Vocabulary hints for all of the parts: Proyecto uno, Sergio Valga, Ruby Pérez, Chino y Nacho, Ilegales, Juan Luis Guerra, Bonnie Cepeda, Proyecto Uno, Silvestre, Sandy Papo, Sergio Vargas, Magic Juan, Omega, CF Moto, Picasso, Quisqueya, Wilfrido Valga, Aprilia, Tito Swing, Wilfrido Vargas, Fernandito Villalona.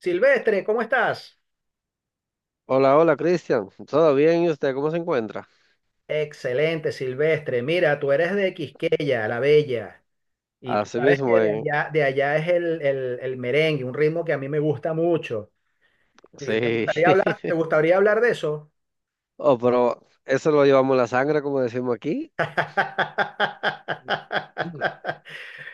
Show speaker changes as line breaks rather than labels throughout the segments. Silvestre, ¿cómo estás?
Hola, hola, Cristian. ¿Todo bien? ¿Y usted cómo se encuentra?
Excelente, Silvestre. Mira, tú eres de Quisqueya, la Bella, y tú
Así
sabes
mismo,
que de
eh.
allá, de allá es el merengue, un ritmo que a mí me gusta mucho. ¿Y ¿Te
Sí.
gustaría hablar, te gustaría hablar de eso?
Oh, pero eso lo llevamos en la sangre, como decimos aquí.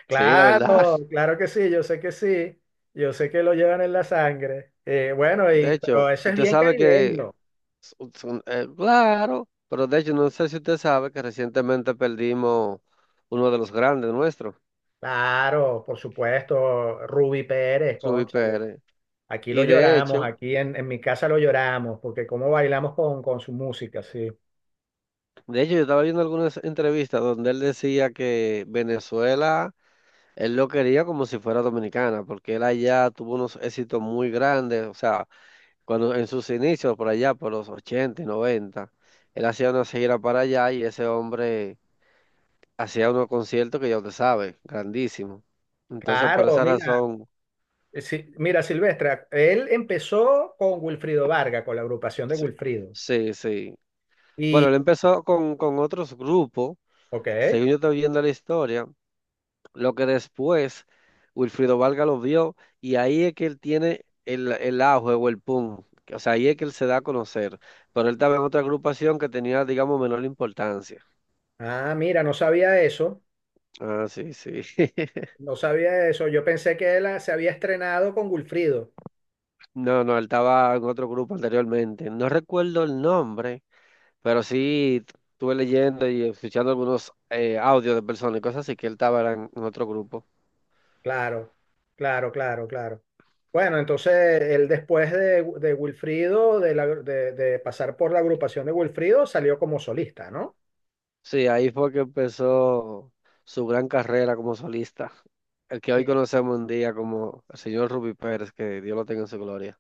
Sí, la verdad.
Claro, claro que sí, yo sé que sí, yo sé que lo llevan en la sangre. Bueno,
De
pero
hecho,
eso es
usted
bien
sabe que,
caribeño.
claro, pero de hecho no sé si usted sabe que recientemente perdimos uno de los grandes nuestros,
Claro, por supuesto, Ruby Pérez,
Ruby
cónchale.
Pérez.
Aquí lo
Y de
lloramos,
hecho,
aquí en mi casa lo lloramos, porque cómo bailamos con su música, sí.
de hecho yo estaba viendo algunas entrevistas donde él decía que Venezuela. Él lo quería como si fuera dominicana, porque él allá tuvo unos éxitos muy grandes, o sea, cuando en sus inicios por allá, por los 80 y 90, él hacía una gira para allá y ese hombre hacía unos conciertos que ya usted sabe, grandísimos. Entonces, por
Claro,
esa
mira,
razón,
sí, mira, Silvestre, él empezó con Wilfrido Vargas, con la agrupación de
sí,
Wilfrido.
sí. Sí. Bueno, él
Y,
empezó con otros grupos,
ok,
según yo estoy viendo la historia. Lo que después Wilfrido Valga lo vio y ahí es que él tiene el auge o el pum. O sea, ahí es que él se da a conocer. Pero él estaba en otra agrupación que tenía, digamos, menor importancia.
mira, no sabía eso,
Ah, sí, sí.
no sabía eso. Yo pensé que él se había estrenado con Wilfrido.
No, no, él estaba en otro grupo anteriormente. No recuerdo el nombre, pero sí estuve leyendo y escuchando algunos audios de personas y cosas así que él estaba era en otro grupo.
Claro, claro, claro, claro. Bueno, entonces él después de Wilfrido, de pasar por la agrupación de Wilfrido, salió como solista, ¿no?
Sí, ahí fue que empezó su gran carrera como solista. El que hoy
Sí.
conocemos un día como el señor Ruby Pérez, que Dios lo tenga en su gloria.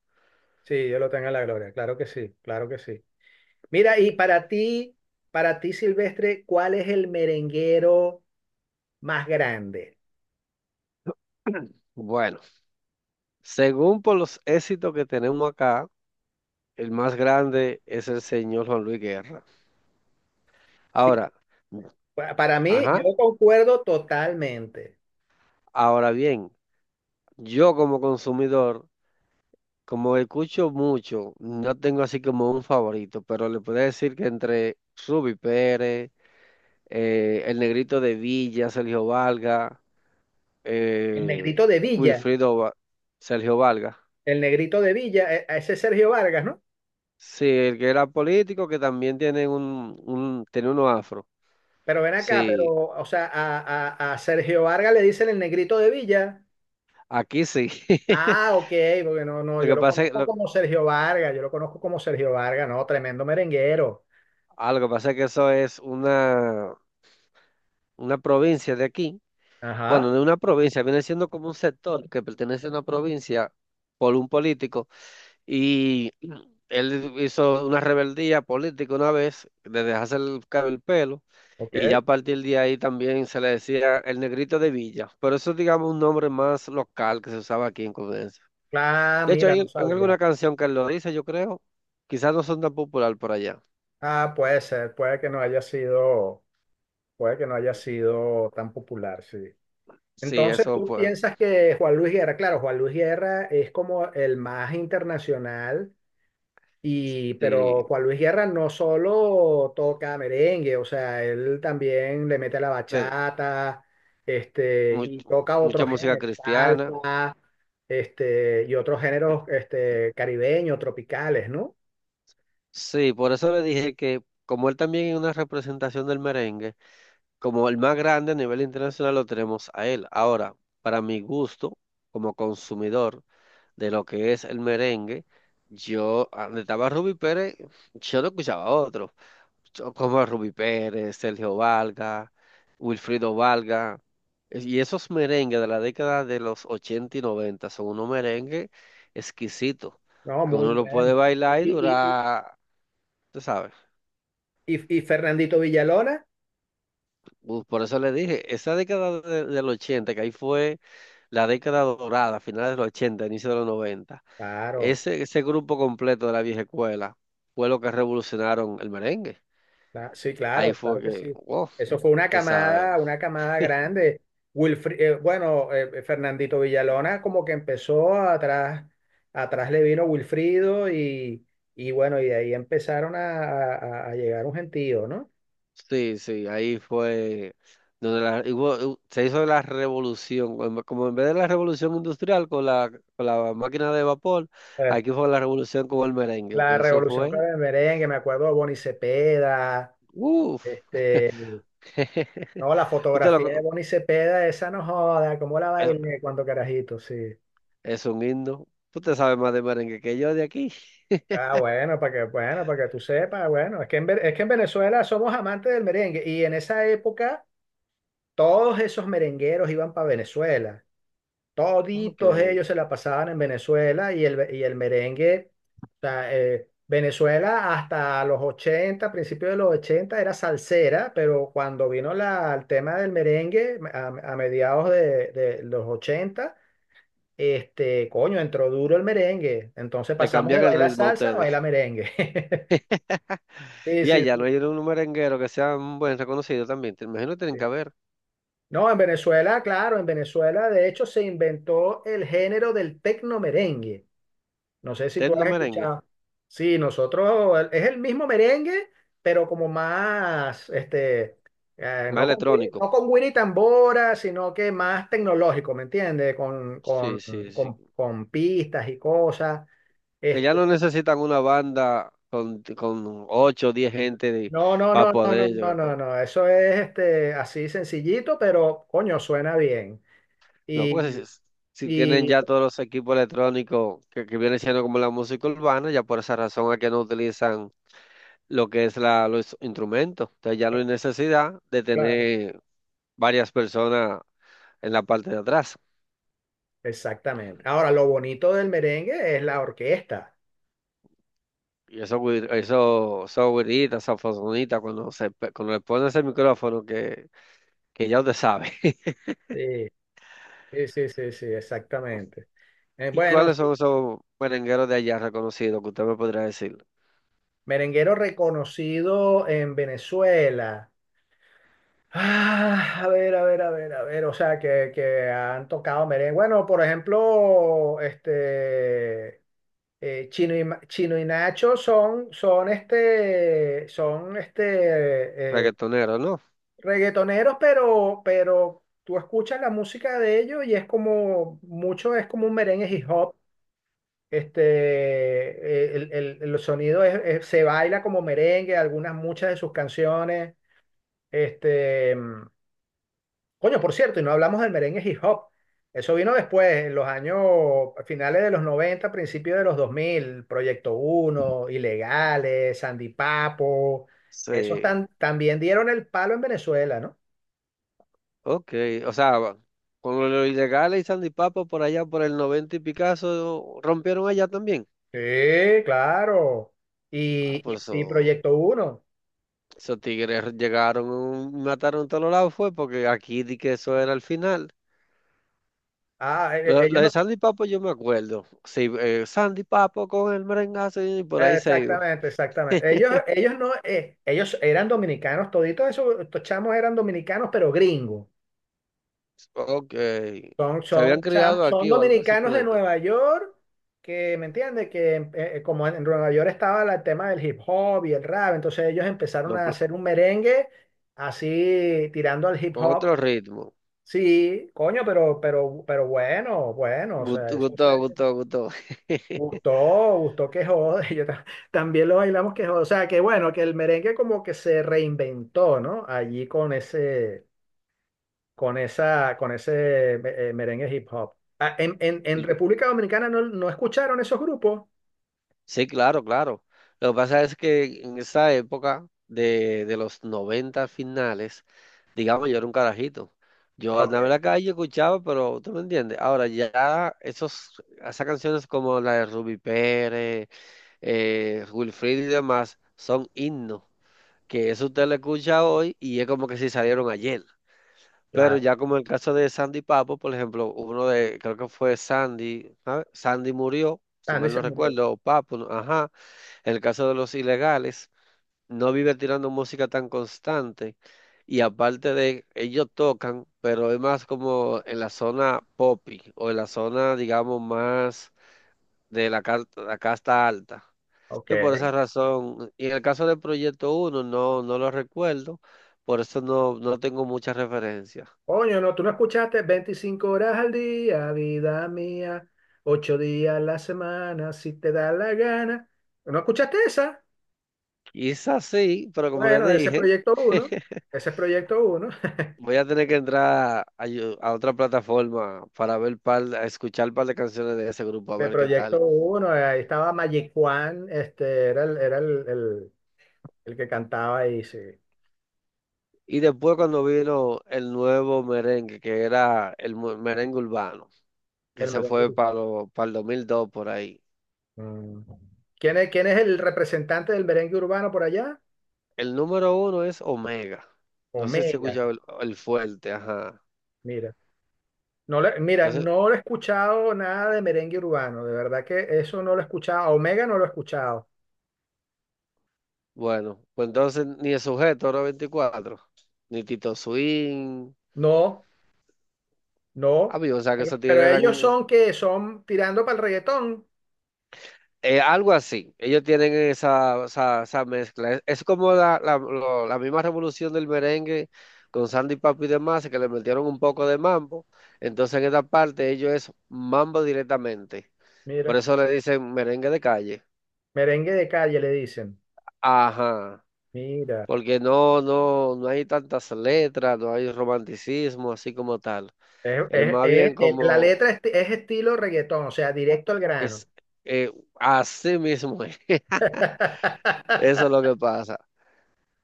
Sí, Dios lo tenga en la gloria, claro que sí, claro que sí. Mira, y para ti, Silvestre, ¿cuál es el merenguero más grande?
Bueno, según por los éxitos que tenemos acá, el más grande es el señor Juan Luis Guerra.
Sí,
Ahora,
para mí, yo
ajá,
concuerdo totalmente.
ahora bien, yo como consumidor, como escucho mucho, no tengo así como un favorito, pero le puedo decir que entre Ruby Pérez, el Negrito de Villa, Sergio Valga,
El
eh,
negrito de Villa,
Wilfrido Va- Sergio Valga.
el negrito de Villa, a ese es Sergio Vargas, ¿no?
Sí, el que era político, que también tiene un tiene uno afro.
Pero ven acá,
Sí,
o sea, a Sergio Vargas le dicen el negrito de Villa.
aquí sí.
Ah, ok, porque no, no,
Lo
yo
que
lo
pasa es,
conozco
lo,
como Sergio Vargas, yo lo conozco como Sergio Vargas, no, tremendo merenguero.
lo que pasa es que eso es una provincia de aquí.
Ajá,
Bueno, de una provincia, viene siendo como un sector que pertenece a una provincia por un político. Y él hizo una rebeldía política una vez, de dejarse el pelo. Y
ok.
ya a partir de ahí también se le decía el negrito de Villa. Pero eso es, digamos, un nombre más local que se usaba aquí en Colombia.
Ah,
De hecho,
mira,
hay,
no
hay
sabía.
alguna canción que él lo dice, yo creo. Quizás no son tan popular por allá.
Ah, puede ser, puede que no haya sido, puede que no haya sido tan popular, sí.
Sí,
Entonces,
eso
¿tú
pues,
piensas que Juan Luis Guerra, claro, Juan Luis Guerra es como el más internacional, pero
sí.
Juan Luis Guerra no solo toca merengue, o sea, él también le mete la
de-
bachata,
mu-
y toca
mucha
otros
música
géneros,
cristiana.
y otros géneros, caribeños, tropicales, ¿no?
Sí, por eso le dije que como él también es una representación del merengue, como el más grande a nivel internacional lo tenemos a él. Ahora, para mi gusto, como consumidor de lo que es el merengue, yo, donde estaba Ruby Pérez, yo no escuchaba a otro. Como Ruby Pérez, Sergio Valga, Wilfrido Valga. Y esos merengues de la década de los 80 y 90 son unos merengues exquisitos,
No,
que
muy
uno lo puede
bueno.
bailar y
Y, y-
durar, tú sabes.
y Fernandito Villalona,
Por eso le dije, esa década del 80, que ahí fue la década dorada, finales de los 80, inicio de los 90,
claro,
ese grupo completo de la vieja escuela fue lo que revolucionaron el merengue.
sí,
Ahí
claro,
fue
claro que
que,
sí.
wow,
Eso fue una
usted sabe.
camada, una camada grande. Bueno, Fernandito Villalona como que empezó atrás, atrás le vino Wilfrido y bueno, y de ahí empezaron a llegar un gentío, ¿no?
Sí, sí, ahí fue donde la, y hubo- hu- se hizo la revolución, como en vez de la revolución industrial con la máquina de vapor,
Eh,
aquí fue la revolución con el merengue,
la
que eso
Revolución
fue,
Clara del Merengue, me acuerdo de Bonnie Cepeda,
uff.
este, no, la
usted lo,
fotografía de
co-
Bonnie Cepeda, esa no joda, cómo la
es
bailé cuando carajito, sí.
es un himno, usted sabe más de merengue que yo de aquí.
Ah, bueno, bueno, para que tú sepas, bueno, es que en Venezuela somos amantes del merengue y en esa época todos esos merengueros iban para Venezuela,
Ok,
toditos ellos se la pasaban en Venezuela y el merengue, o sea, Venezuela hasta los 80, principios de los 80 era salsera, pero cuando vino el tema del merengue a mediados de los 80, coño, entró duro el merengue, entonces
le
pasamos de
cambian el
bailar
ritmo a
salsa a
ustedes.
bailar merengue. Sí,
Y
sí,
allá
sí,
no hay un merenguero que sea un buen reconocido también, te imagino que tienen
sí.
que haber.
No, en Venezuela, claro, en Venezuela de hecho se inventó el género del tecno merengue. No sé si tú
Tecno
has
merengue,
escuchado. Sí, nosotros es el mismo merengue, pero como más,
más
no con, güiri-
electrónico,
no con güiri tambora, sino que más tecnológico, ¿me entiendes? Con, con,
sí, sí,
con,
sí.
con pistas y cosas.
Que
Este,
ya no necesitan una banda con 8 o 10 gente
no, no,
para
no, no, no,
poder
no,
llegar.
no, no. Eso es así sencillito, pero coño, suena bien.
No, porque si,
Y.
si si tienen
Y
ya todos los equipos electrónicos que vienen siendo como la música urbana, ya por esa razón es que no utilizan lo que es los instrumentos. Entonces ya no hay necesidad de
Claro,
tener varias personas en la parte de atrás.
exactamente. Ahora, lo bonito del merengue es la orquesta.
Y eso, güiritas, saxofonitas, cuando le pones el micrófono que ya usted sabe.
Sí, sí, sí, sí, sí, exactamente.
¿Y
Bueno,
cuáles
sí,
son esos merengueros de allá reconocidos que usted me podría decir?
merenguero reconocido en Venezuela. Ah, a ver, a ver, a ver, a ver, o sea, que han tocado merengue. Bueno, por ejemplo, Chino y Nacho son
Reggaetoneros, ¿no?
reggaetoneros, pero tú escuchas la música de ellos y es como, mucho es como un merengue hip hop. El sonido se baila como merengue, muchas de sus canciones. Este, mm, Coño, por cierto, y no hablamos del merengue hip hop. Eso vino después, en los años a finales de los 90, principios de los 2000, Proyecto uno, Ilegales, Sandy Papo,
Sí,
también dieron el palo en Venezuela, ¿no?
ok. O sea, con los ilegales y Sandy Papo por allá, por el 90 y Picasso, rompieron allá también.
Sí, claro.
Ah,
Y,
pues
y, y Proyecto uno.
esos tigres llegaron, y mataron a todos los lados, fue porque aquí di que eso era el final.
Ah,
Lo, lo
ellos
de
no.
Sandy Papo yo me acuerdo. Sí, Sandy Papo con el merengazo y por ahí se iba.
Exactamente, exactamente. Ellos, ellos no, ellos eran dominicanos, estos chamos eran dominicanos, pero gringos.
Ok.
Son,
Se habían
son, cham-
criado
son
aquí o algo así.
dominicanos de
Pero,
Nueva York, que, ¿me entiendes? Que como en Nueva York estaba el tema del hip hop y el rap, entonces ellos empezaron a hacer un merengue así tirando al hip
con
hop.
otro ritmo.
Sí, coño, pero bueno, o sea,
Gustó,
eso se...
gustó, gustó, gustó.
Gustó, gustó que jode. Yo también lo bailamos que jode. O sea, que bueno, que el merengue como que se reinventó, ¿no? Allí con ese merengue hip hop. Ah, en República Dominicana no escucharon esos grupos.
Sí, claro, claro. Lo que pasa es que en esa época de los 90 finales, digamos, yo era un carajito. Yo
Ok,
andaba en la calle, escuchaba, pero tú me entiendes. Ahora ya esas canciones como la de Ruby Pérez, Wilfried y demás, son himnos, que eso usted lo escucha hoy y es como que si salieron ayer. Pero
claro.
ya como en el caso de Sandy Papo, por ejemplo, uno de, creo que fue Sandy, ¿sabe? Sandy murió, si
Están
mal no
diciendo no.
recuerdo, o Papo, ajá. En el caso de los ilegales, no vive tirando música tan constante. Y aparte de, ellos tocan, pero es más como en la zona poppy o en la zona, digamos, más de la casta alta.
Ok.
Entonces, por esa razón, y en el caso del Proyecto Uno no, no lo recuerdo, por eso no, no tengo muchas referencias.
Coño, no, tú no escuchaste 25 horas al día, vida mía, 8 días a la semana, si te da la gana. ¿No escuchaste esa?
Quizás sí, pero como le
Bueno, ese es
dije.
Proyecto uno. Ese es Proyecto uno.
Voy a tener que entrar a otra plataforma para ver a escuchar un par de canciones de ese grupo, a
De
ver qué
Proyecto
tal.
uno ahí estaba Magic Juan, era el que cantaba ahí, sí,
Y después cuando vino el nuevo merengue, que era el merengue urbano, que
el
se
merengue
fue
urbano.
para el 2002 por ahí.
Mm. ¿Quién es el representante del merengue urbano por allá?
El número uno es Omega. No sé si
Omega,
escucha el fuerte, ajá.
mira. Mira,
No sé,
no lo he escuchado nada de merengue urbano, de verdad que eso no lo he escuchado, a Omega no lo he escuchado.
bueno, pues entonces ni el sujeto era 24, ni Tito Swing.
No,
Ah,
no,
bien, o sea que
pero,
esos tigres
pero ellos
eran.
son que son tirando para el reggaetón,
Algo así. Ellos tienen esa mezcla. Es como la misma revolución del merengue con Sandy Papo y demás, que le metieron un poco de mambo. Entonces en esta parte ellos es mambo directamente. Por
mira,
eso le dicen merengue de calle.
merengue de calle le dicen,
Ajá.
mira.
Porque no, no, no hay tantas letras, no hay romanticismo así como tal. Es más bien
La
como
letra es estilo reggaetón, o sea, directo al grano.
es eh, así mismo. Es. Eso es lo que pasa.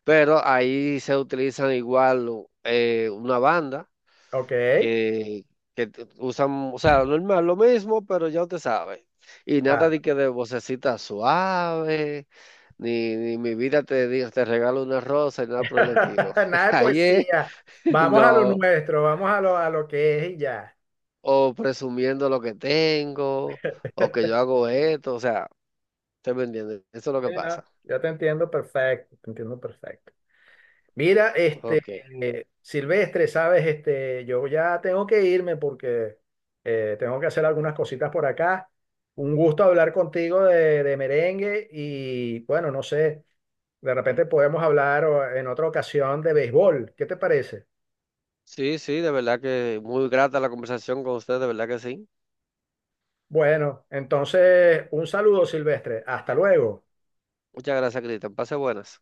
Pero ahí se utilizan igual una banda
Ok,
que, usan, o sea, normal, lo mismo, pero ya usted sabe. Y nada
claro.
de que de vocecita suave, ni mi vida te regalo una rosa, y nada por el estilo.
Nada de
Ahí es,
poesía. Vamos a lo
no,
nuestro, a lo que es y ya.
o presumiendo lo que tengo, o que yo hago esto, o sea, ¿usted me entiende? Eso es lo que
Sí, no,
pasa.
yo te entiendo perfecto, te entiendo perfecto. Mira,
Ok.
Silvestre, sabes, yo ya tengo que irme porque tengo que hacer algunas cositas por acá. Un gusto hablar contigo de merengue y bueno, no sé, de repente podemos hablar en otra ocasión de béisbol. ¿Qué te parece?
Sí, sí, de verdad que muy grata la conversación con usted, de verdad que sí.
Bueno, entonces, un saludo, Silvestre. Hasta luego.
Muchas gracias, Cristian. Pase buenas.